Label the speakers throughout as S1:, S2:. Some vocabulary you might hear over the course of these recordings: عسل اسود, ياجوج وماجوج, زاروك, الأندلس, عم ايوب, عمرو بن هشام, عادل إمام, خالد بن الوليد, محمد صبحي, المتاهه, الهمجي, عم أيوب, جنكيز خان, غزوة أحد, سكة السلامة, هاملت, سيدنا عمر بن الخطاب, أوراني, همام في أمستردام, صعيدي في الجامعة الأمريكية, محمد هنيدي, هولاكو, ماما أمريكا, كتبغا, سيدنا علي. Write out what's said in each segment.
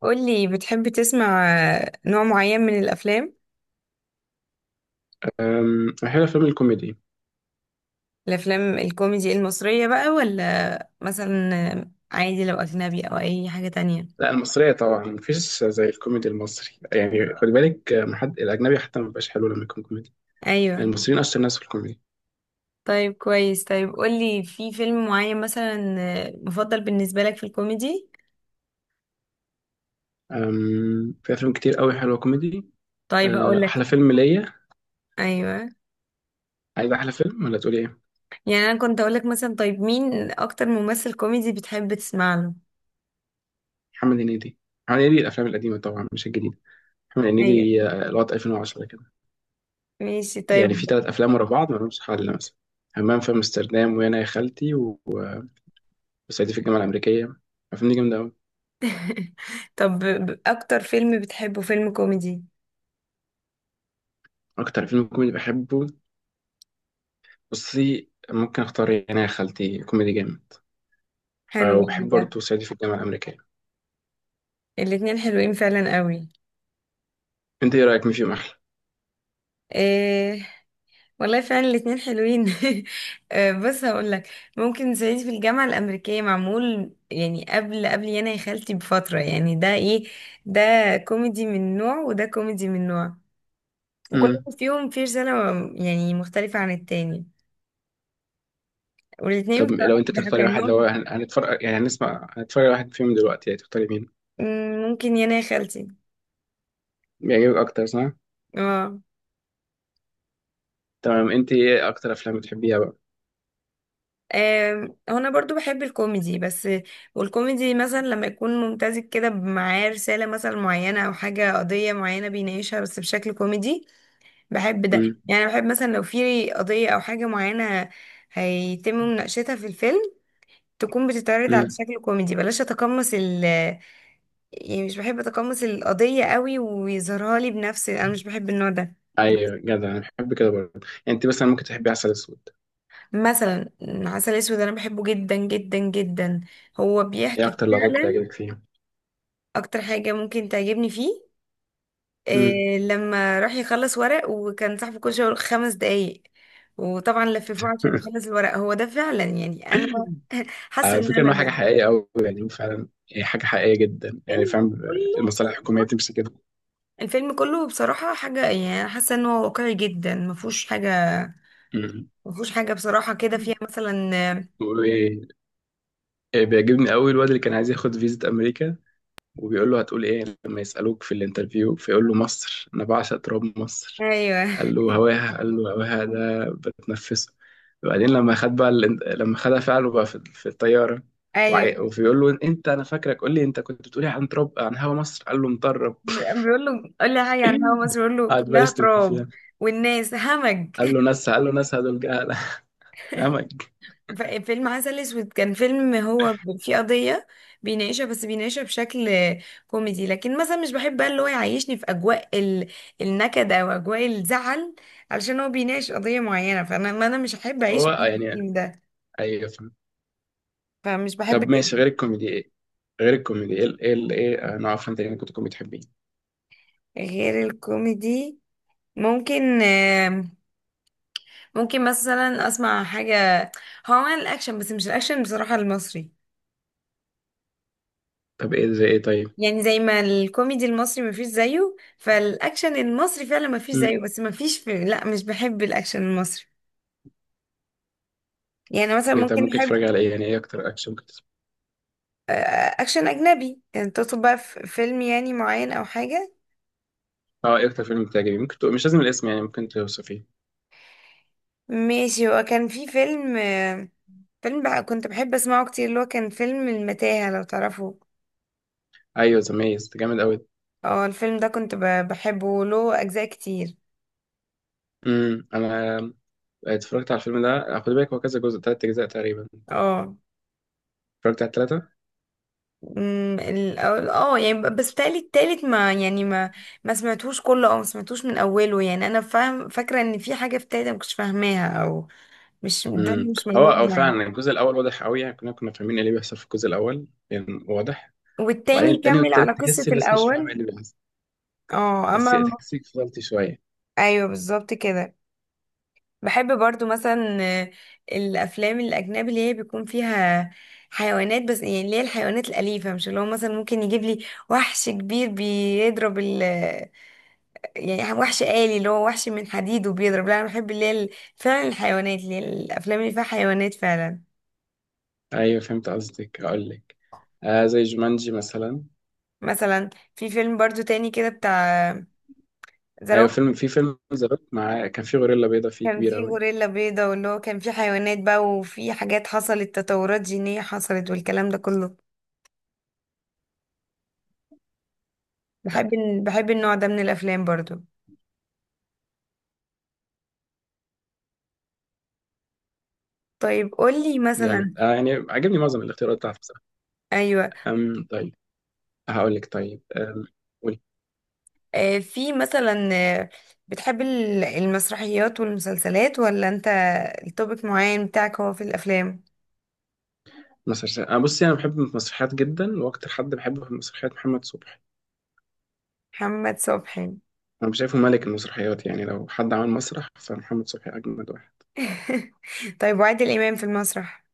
S1: قولي بتحب تسمع نوع معين من الأفلام
S2: أحب أفلام الكوميدي.
S1: الأفلام الكوميدي المصرية بقى ولا مثلا عادي لو أجنبي أو أي حاجة تانية؟
S2: لا، المصرية طبعا، مفيش زي الكوميدي المصري. يعني خد بالك، حد الأجنبي حتى مبيبقاش حلو لما يكون كوميدي. يعني
S1: أيوة.
S2: المصريين أشطر ناس في الكوميدي.
S1: طيب كويس. طيب قولي في فيلم معين مثلا مفضل بالنسبة لك في الكوميدي.
S2: في أفلام كتير قوي حلوة كوميدي.
S1: طيب هقولك.
S2: أحلى فيلم ليا.
S1: أيوة
S2: عايز أحلى فيلم، ولا تقولي إيه؟
S1: يعني أنا كنت أقولك مثلا طيب مين أكتر ممثل كوميدي بتحب تسمع له؟
S2: محمد هنيدي. محمد هنيدي، الأفلام القديمة طبعا، مش الجديدة. محمد
S1: أيوة
S2: هنيدي لغاية 2010 كده.
S1: ماشي
S2: يعني
S1: طيب.
S2: في تلات أفلام ورا بعض ملهمش حل مثلا. همام في أمستردام، وأنا يا خالتي، و- وصعيدي في الجامعة الأمريكية. الأفلام دي جامدة أوي.
S1: طب أكتر فيلم بتحبه فيلم كوميدي.
S2: أكتر فيلم كوميدي بحبه. بصي، ممكن اختار انا يا خالتي كوميدي جامد.
S1: حلو.
S2: وبحب
S1: ده
S2: برضه صعيدي في الجامعه الامريكيه.
S1: الاتنين حلوين فعلا قوي.
S2: انت ايه رايك؟ مين فيهم احلى؟
S1: إيه والله فعلا الاتنين حلوين. بص هقول لك. ممكن صعيدي في الجامعة الأمريكية معمول يعني قبل يانا يا خالتي بفترة. يعني ده ايه، ده كوميدي من نوع وده كوميدي من نوع، وكل
S2: امم.
S1: واحد فيهم فيه رسالة يعني مختلفة عن التاني. والاتنين
S2: طب لو
S1: بصراحة
S2: انت
S1: بيضحكوا
S2: تختاري
S1: يعني
S2: واحد،
S1: هو.
S2: لو هنتفرج، يعني هنسمع، هنتفرج على واحد فيهم دلوقتي، يعني تختاري مين؟
S1: ممكن يانا يا خالتي.
S2: بيعجبك اكتر، صح؟
S1: اه.
S2: تمام. انت ايه اكتر افلام بتحبيها بقى؟
S1: هو انا برضو بحب الكوميدي بس. والكوميدي مثلا لما يكون ممتزج كده معاه رسالة مثلا معينة او حاجة، قضية معينة بيناقشها بس بشكل كوميدي بحب ده.
S2: امم.
S1: يعني بحب مثلا لو في قضية او حاجة معينة هيتم مناقشتها في الفيلم، تكون بتتعرض على
S2: امم.
S1: شكل كوميدي. بلاش اتقمص يعني مش بحب اتقمص القضية قوي ويظهرها لي بنفسي، انا مش بحب النوع ده.
S2: ايوه، جدع، انا بحب كده برضه. يعني انت مثلا ممكن تحبي عسل اسود.
S1: مثلا عسل اسود انا بحبه جدا جدا جدا، هو
S2: ايه
S1: بيحكي
S2: اكتر لغات
S1: فعلا.
S2: بتعجبك فيهم؟
S1: اكتر حاجة ممكن تعجبني فيه
S2: امم.
S1: إيه، لما راح يخلص ورق وكان صاحبه كل شوية يقول 5 دقايق، وطبعا لففوه عشان يخلص الورق. هو ده فعلا يعني انا حاسة
S2: على
S1: ان
S2: فكره
S1: انا
S2: انه حاجه
S1: ده.
S2: حقيقيه قوي، يعني فعلا هي حاجه حقيقيه جدا، يعني
S1: الفيلم
S2: فاهم؟
S1: كله
S2: المصالح الحكوميه
S1: بصراحة
S2: بتمشي كده.
S1: الفيلم كله بصراحة حاجة، يعني أنا حاسة انه واقعي جدا، ما فيهوش حاجة بصراحة كده فيها
S2: امم.
S1: مثلا.
S2: بيقولوا ايه؟ إيه، بيعجبني قوي الواد اللي كان عايز ياخد فيزا امريكا. وبيقول له هتقول ايه لما يسالوك في الانترفيو؟ فيقول له مصر، انا بعشق تراب مصر.
S1: ايوه،
S2: قال له هواها، قال له هواها ده بتنفسه. وبعدين لما خد بقى لما خدها فعله بقى في الطياره.
S1: ايوه
S2: وبيقول له انت انا فاكرك، قول لي انت كنت بتقولي عن تراب، عن هوا مصر. قال له مطرب.
S1: بيقول له قول لي حاجة عن هوا مصر بيقول له
S2: قعد بقى
S1: كلها
S2: يشتم
S1: تراب،
S2: فيها.
S1: والناس همج.
S2: قال له ناسها، قال له ناسها دول جهله. همج.
S1: فيلم عسل اسود كان فيلم، هو فيه قضية بيناقشها، بس بيناقشها بشكل كوميدي. لكن مثلا مش بحب بقى اللي هو يعيشني في اجواء النكد او اجواء الزعل علشان هو بيناقش قضية معينة، فانا ما انا مش هحب اعيش
S2: هو
S1: في
S2: يعني.
S1: الفيلم ده،
S2: ايوه
S1: فمش بحب
S2: طب
S1: كده.
S2: ماشي، غير الكوميدي ايه؟ غير الكوميدي ايه، ايه نوع افلام تاني ممكن تكون بتحبيه؟
S1: غير الكوميدي ممكن ممكن مثلا اسمع حاجة هو عمل الاكشن، بس مش الاكشن بصراحة المصري.
S2: طب ايه زي ايه؟ طيب.
S1: يعني زي ما الكوميدي المصري مفيش زيه، فالاكشن المصري فعلا مفيش زيه،
S2: مم.
S1: بس مفيش لا مش بحب الاكشن المصري. يعني مثلا
S2: إيه، طب
S1: ممكن
S2: ممكن
S1: احب
S2: تتفرج على ايه؟ يعني ايه اكتر اكشن ممكن تتفرج؟
S1: آه، اكشن اجنبي، يعني تطلب بقى في فيلم يعني معين او حاجه.
S2: اه، ايه اكتر فيلم بتعجبك؟ ممكن تقول، مش لازم الاسم، يعني ممكن توصفيه.
S1: ماشي. هو كان في فيلم بقى كنت بحب اسمعه كتير، اللي هو كان فيلم المتاهه لو تعرفوا.
S2: ايوه، ذا ميز ده جامد قوي.
S1: اه. الفيلم ده كنت بحبه، له اجزاء كتير.
S2: امم، انا. اتفرجت على الفيلم ده، خد بالك هو كذا جزء، تلات اجزاء تقريبا.
S1: اه.
S2: اتفرجت على التلاتة.
S1: أمم، ال- اه، يعني بس بتهيألي التالت ما، يعني ما سمعتوش كله او ما سمعتوش من اوله. يعني انا فاهم، فاكره ان في حاجه في التالت ما كنتش فاهماها، او مش، الدنيا
S2: امم.
S1: مش
S2: هو او
S1: ملمومه يعني.
S2: فعلا الجزء الاول واضح قوي، يعني كنا فاهمين ايه اللي بيحصل في الجزء الاول، يعني واضح. وبعدين
S1: والتاني
S2: التاني
S1: كمل
S2: والتالت
S1: على قصه
S2: تحس الناس مش فاهمه
S1: الاول.
S2: ايه اللي بيحصل.
S1: اه، اما.
S2: تحسك فضلت شويه.
S1: ايوه بالظبط كده. بحب برضو مثلا الافلام الاجنبي اللي هي بيكون فيها حيوانات، بس يعني اللي هي الحيوانات الأليفة، مش اللي هو مثلا ممكن يجيب لي وحش كبير بيضرب يعني وحش آلي اللي هو وحش من حديد وبيضرب. لا انا بحب اللي هي فعلا الحيوانات، اللي هي الافلام اللي فيها حيوانات فعلا.
S2: ايوه، فهمت قصدك، هقول لك. زي جومانجي مثلا.
S1: مثلا في فيلم برضو تاني كده بتاع
S2: ايوه،
S1: زاروك،
S2: في فيلم ذا روك، مع كان في غوريلا بيضاء فيه
S1: كان
S2: كبيره
S1: فيه
S2: قوي.
S1: غوريلا بيضة واللي هو كان فيه حيوانات بقى، وفي حاجات حصلت، تطورات جينية حصلت والكلام ده كله. بحب بحب النوع ده من الافلام برضو. طيب قولي
S2: جامد.
S1: مثلا.
S2: يعني عجبني معظم الاختيارات بتاعته بصراحه.
S1: ايوه.
S2: طيب. هقول لك. طيب قولي.
S1: في مثلا بتحب المسرحيات والمسلسلات ولا انت التوبيك معين بتاعك هو في الافلام؟
S2: مسرحيات، انا بصي، انا بحب المسرحيات جدا، واكتر حد بحبه في المسرحيات محمد صبحي.
S1: محمد صبحي.
S2: انا شايفه ملك المسرحيات، يعني لو حد عمل مسرح فمحمد صبحي اجمد واحد.
S1: طيب وعادل امام في المسرح؟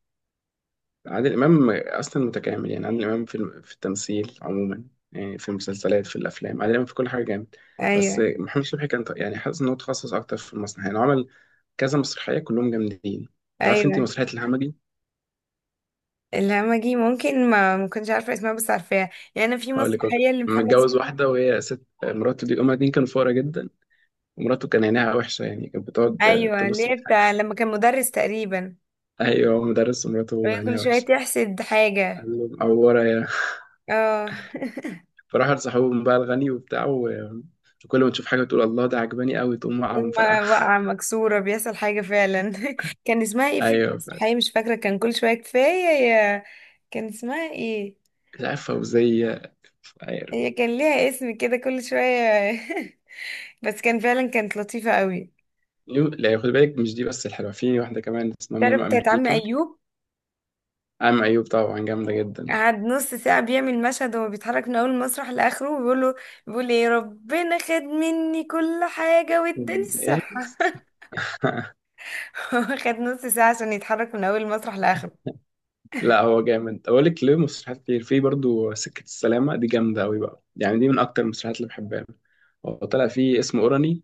S2: عادل إمام. أصلا متكامل، يعني عادل إمام في التمثيل عموما. يعني في المسلسلات، في الأفلام، عادل إمام في كل حاجة جامد. بس
S1: ايوه،
S2: محمد شبحي كان يعني حاسس إن هو تخصص أكتر في المسرح، يعني هو عمل كذا مسرحية كلهم جامدين. تعرف أنت
S1: ايوه
S2: مسرحية الهمجي؟
S1: الهمجي ممكن ما كنتش عارفه اسمها بس عارفاها، يعني انا في
S2: هقول لك، هو
S1: مسرحيه
S2: كان
S1: لمحمد
S2: متجوز
S1: صبحي.
S2: واحدة وهي ست مراته دي، هما الاتنين كانوا فقراء جدا. ومراته كان عينيها وحشة، يعني كانت بتقعد
S1: ايوه
S2: تبص
S1: اللي هي
S2: للحاجة.
S1: بتاع لما كان مدرس تقريبا،
S2: أيوه، هو مدرس ومراته
S1: وهي
S2: عينيها
S1: كل شويه
S2: وحشة.
S1: تحسد حاجه.
S2: قال له معورة يا
S1: اه.
S2: فراحوا لصاحبهم بقى الغني وبتاع وكل ما تشوف حاجة تقول الله ده عجباني قوي، تقوم واقعة ومفرقعة.
S1: لما وقع مكسوره بيحصل حاجه فعلا. كان اسمها ايه في
S2: ايوه
S1: المسرحيه؟ مش فاكره. كان كل شويه كفايه يا، كان اسمها ايه؟
S2: مش عارف، فوزية. مش عارف.
S1: هي كان ليها اسم كده كل شويه. بس كان فعلا كانت لطيفه قوي.
S2: لا، خد بالك مش دي بس الحلوة، في واحدة كمان اسمها
S1: تعرف
S2: ماما
S1: بتاعت عم
S2: أمريكا.
S1: ايوب،
S2: عم أيوب طبعا جامدة جدا.
S1: قعد نص ساعة بيعمل مشهد وهو بيتحرك من أول المسرح لآخره وبيقول له، بيقول إيه، ربنا خد مني كل حاجة واداني الصحة.
S2: والناس-
S1: هو خد نص ساعة عشان يتحرك من أول المسرح لآخره.
S2: لا هو جامد، أقول لك، له مسرحيات كتير، في برضو سكة السلامة دي جامدة أوي بقى، يعني دي من أكتر المسرحيات اللي بحبها. هو طلع فيه اسمه أوراني.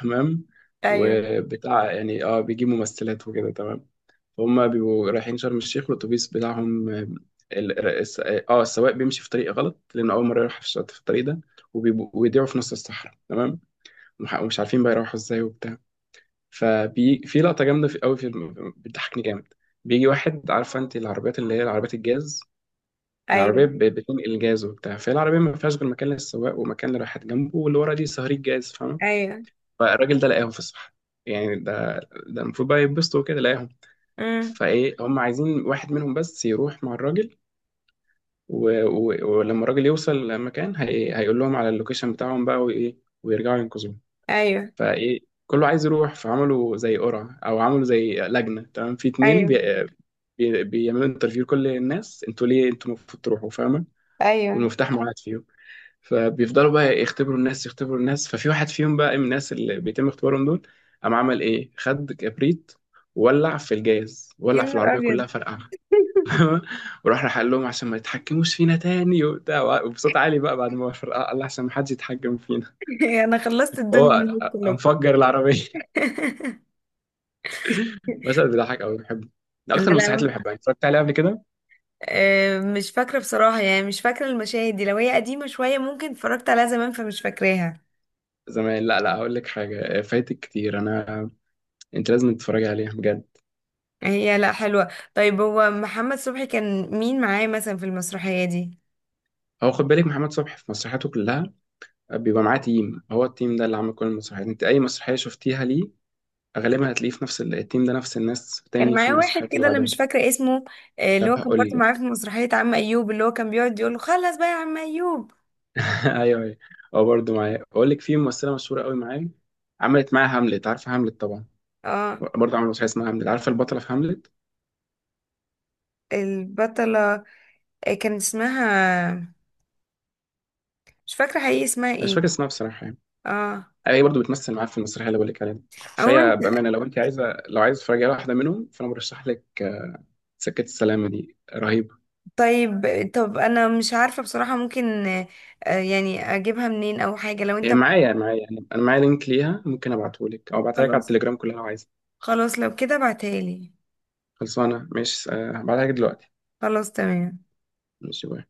S2: تمام.
S1: أيوه.
S2: وبتاع، يعني بيجيب ممثلات وكده، تمام. هما بيبقوا رايحين شرم الشيخ، والاتوبيس بتاعهم السواق بيمشي في طريق غلط، لانه اول مره يروح في الطريق ده. ويضيعوا في نص الصحراء، تمام. ومش عارفين بقى يروحوا ازاي وبتاع. ففي لقطه جامده في قوي بتضحكني جامد. بيجي واحد، عارفه انت العربيات اللي هي العربيات الجاز؟ يعني عربيه
S1: أيوه.
S2: بتنقل جاز وبتاع، فالعربيه ما فيهاش غير مكان للسواق ومكان اللي رايحات جنبه واللي ورا دي صهريج جاز، فاهم؟
S1: أيوه.
S2: فالراجل ده لقاهم في الصحراء. يعني ده، ده المفروض بقى يتبسطوا وكده لقاهم.
S1: أمم.
S2: فايه، هم عايزين واحد منهم بس يروح مع الراجل. ولما الراجل يوصل مكان هيقول لهم على اللوكيشن بتاعهم بقى وايه، ويرجعوا ينقذوه.
S1: أيوه.
S2: فايه، كله عايز يروح، فعملوا زي قرعة او عملوا زي لجنة، تمام، في اتنين
S1: أيوه.
S2: بيعملوا انترفيو لكل الناس، انتوا ليه انتوا المفروض تروحوا، فاهمة؟
S1: أيوه.
S2: والمفتاح معاد فيهم. فبيفضلوا بقى يختبروا الناس، يختبروا الناس، ففي واحد فيهم بقى من الناس اللي بيتم اختبارهم دول قام عمل ايه، خد كبريت وولع في الجاز،
S1: يا
S2: ولع في
S1: نهار
S2: العربية
S1: أبيض.
S2: كلها، فرقعها. ورحنا حل لهم عشان ما يتحكموش فينا تاني وبتاع، وبصوت عالي بقى بعد ما فرقع قال لي عشان ما حدش يتحكم فينا.
S1: أنا خلصت الدنيا
S2: هو
S1: منهم كلهم.
S2: مفجر العربيه. بس بيضحك قوي بحبه. ده
S1: لا،
S2: اكتر المسرحيات اللي
S1: لا.
S2: بحبها اتفرجت عليها قبل كده.
S1: مش فاكرة بصراحة، يعني مش فاكرة المشاهد دي. لو هي قديمة شوية ممكن اتفرجت عليها زمان فمش فاكراها.
S2: زمان، لا، لا، هقول لك حاجه فايتك كتير انا. انت لازم تتفرجي عليها بجد.
S1: هي لا حلوة. طيب هو محمد صبحي كان مين معاه مثلا في المسرحية دي؟
S2: هو خد بالك، محمد صبحي في مسرحياته كلها بيبقى معاه تيم، هو التيم ده اللي عامل كل المسرحيات، انت اي مسرحيه شفتيها ليه غالبا هتلاقيه في نفس التيم ده، نفس الناس
S1: كان
S2: تاني في
S1: معاه واحد
S2: المسرحيات اللي
S1: كده انا
S2: بعدها.
S1: مش فاكرة اسمه، اللي
S2: طب
S1: هو كان برضه
S2: هقول
S1: معاه في
S2: لك.
S1: مسرحية عم ايوب اللي هو كان بيقعد يقول له خلص بقى يا عم ايوب.
S2: ايوه، ايوه. هو برضه معايا، اقول لك، في ممثله مشهوره قوي معايا. عملت معاها هاملت، عارفه هاملت طبعا.
S1: اه.
S2: برضه عملت مسرحيه اسمها هاملت، عارفه البطله في هاملت؟
S1: البطلة كان اسمها، مش فاكرة حقيقي اسمها
S2: مش فاكر
S1: ايه.
S2: اسمها بصراحه، يعني.
S1: اه.
S2: هي برضه بتمثل معاها في المسرحيه اللي بقول لك عليها دي. فهي
S1: عموما.
S2: بامانه، لو انت عايزه، لو عايزه تتفرجي على واحده منهم فانا برشح لك، سكه السلامه دي رهيبه.
S1: طيب. طب انا مش عارفة بصراحة، ممكن يعني اجيبها منين او حاجة لو
S2: هي
S1: انت.
S2: معايا، معايا، يعني انا معايا لينك ليها، ممكن ابعته لك او ابعتها لك على
S1: خلاص.
S2: التليجرام كلها لو عايزه.
S1: خلاص لو كده ابعتها لي.
S2: خلصانه، ماشي. هبعتها لك دلوقتي.
S1: خلاص تمام.
S2: ماشي، باي.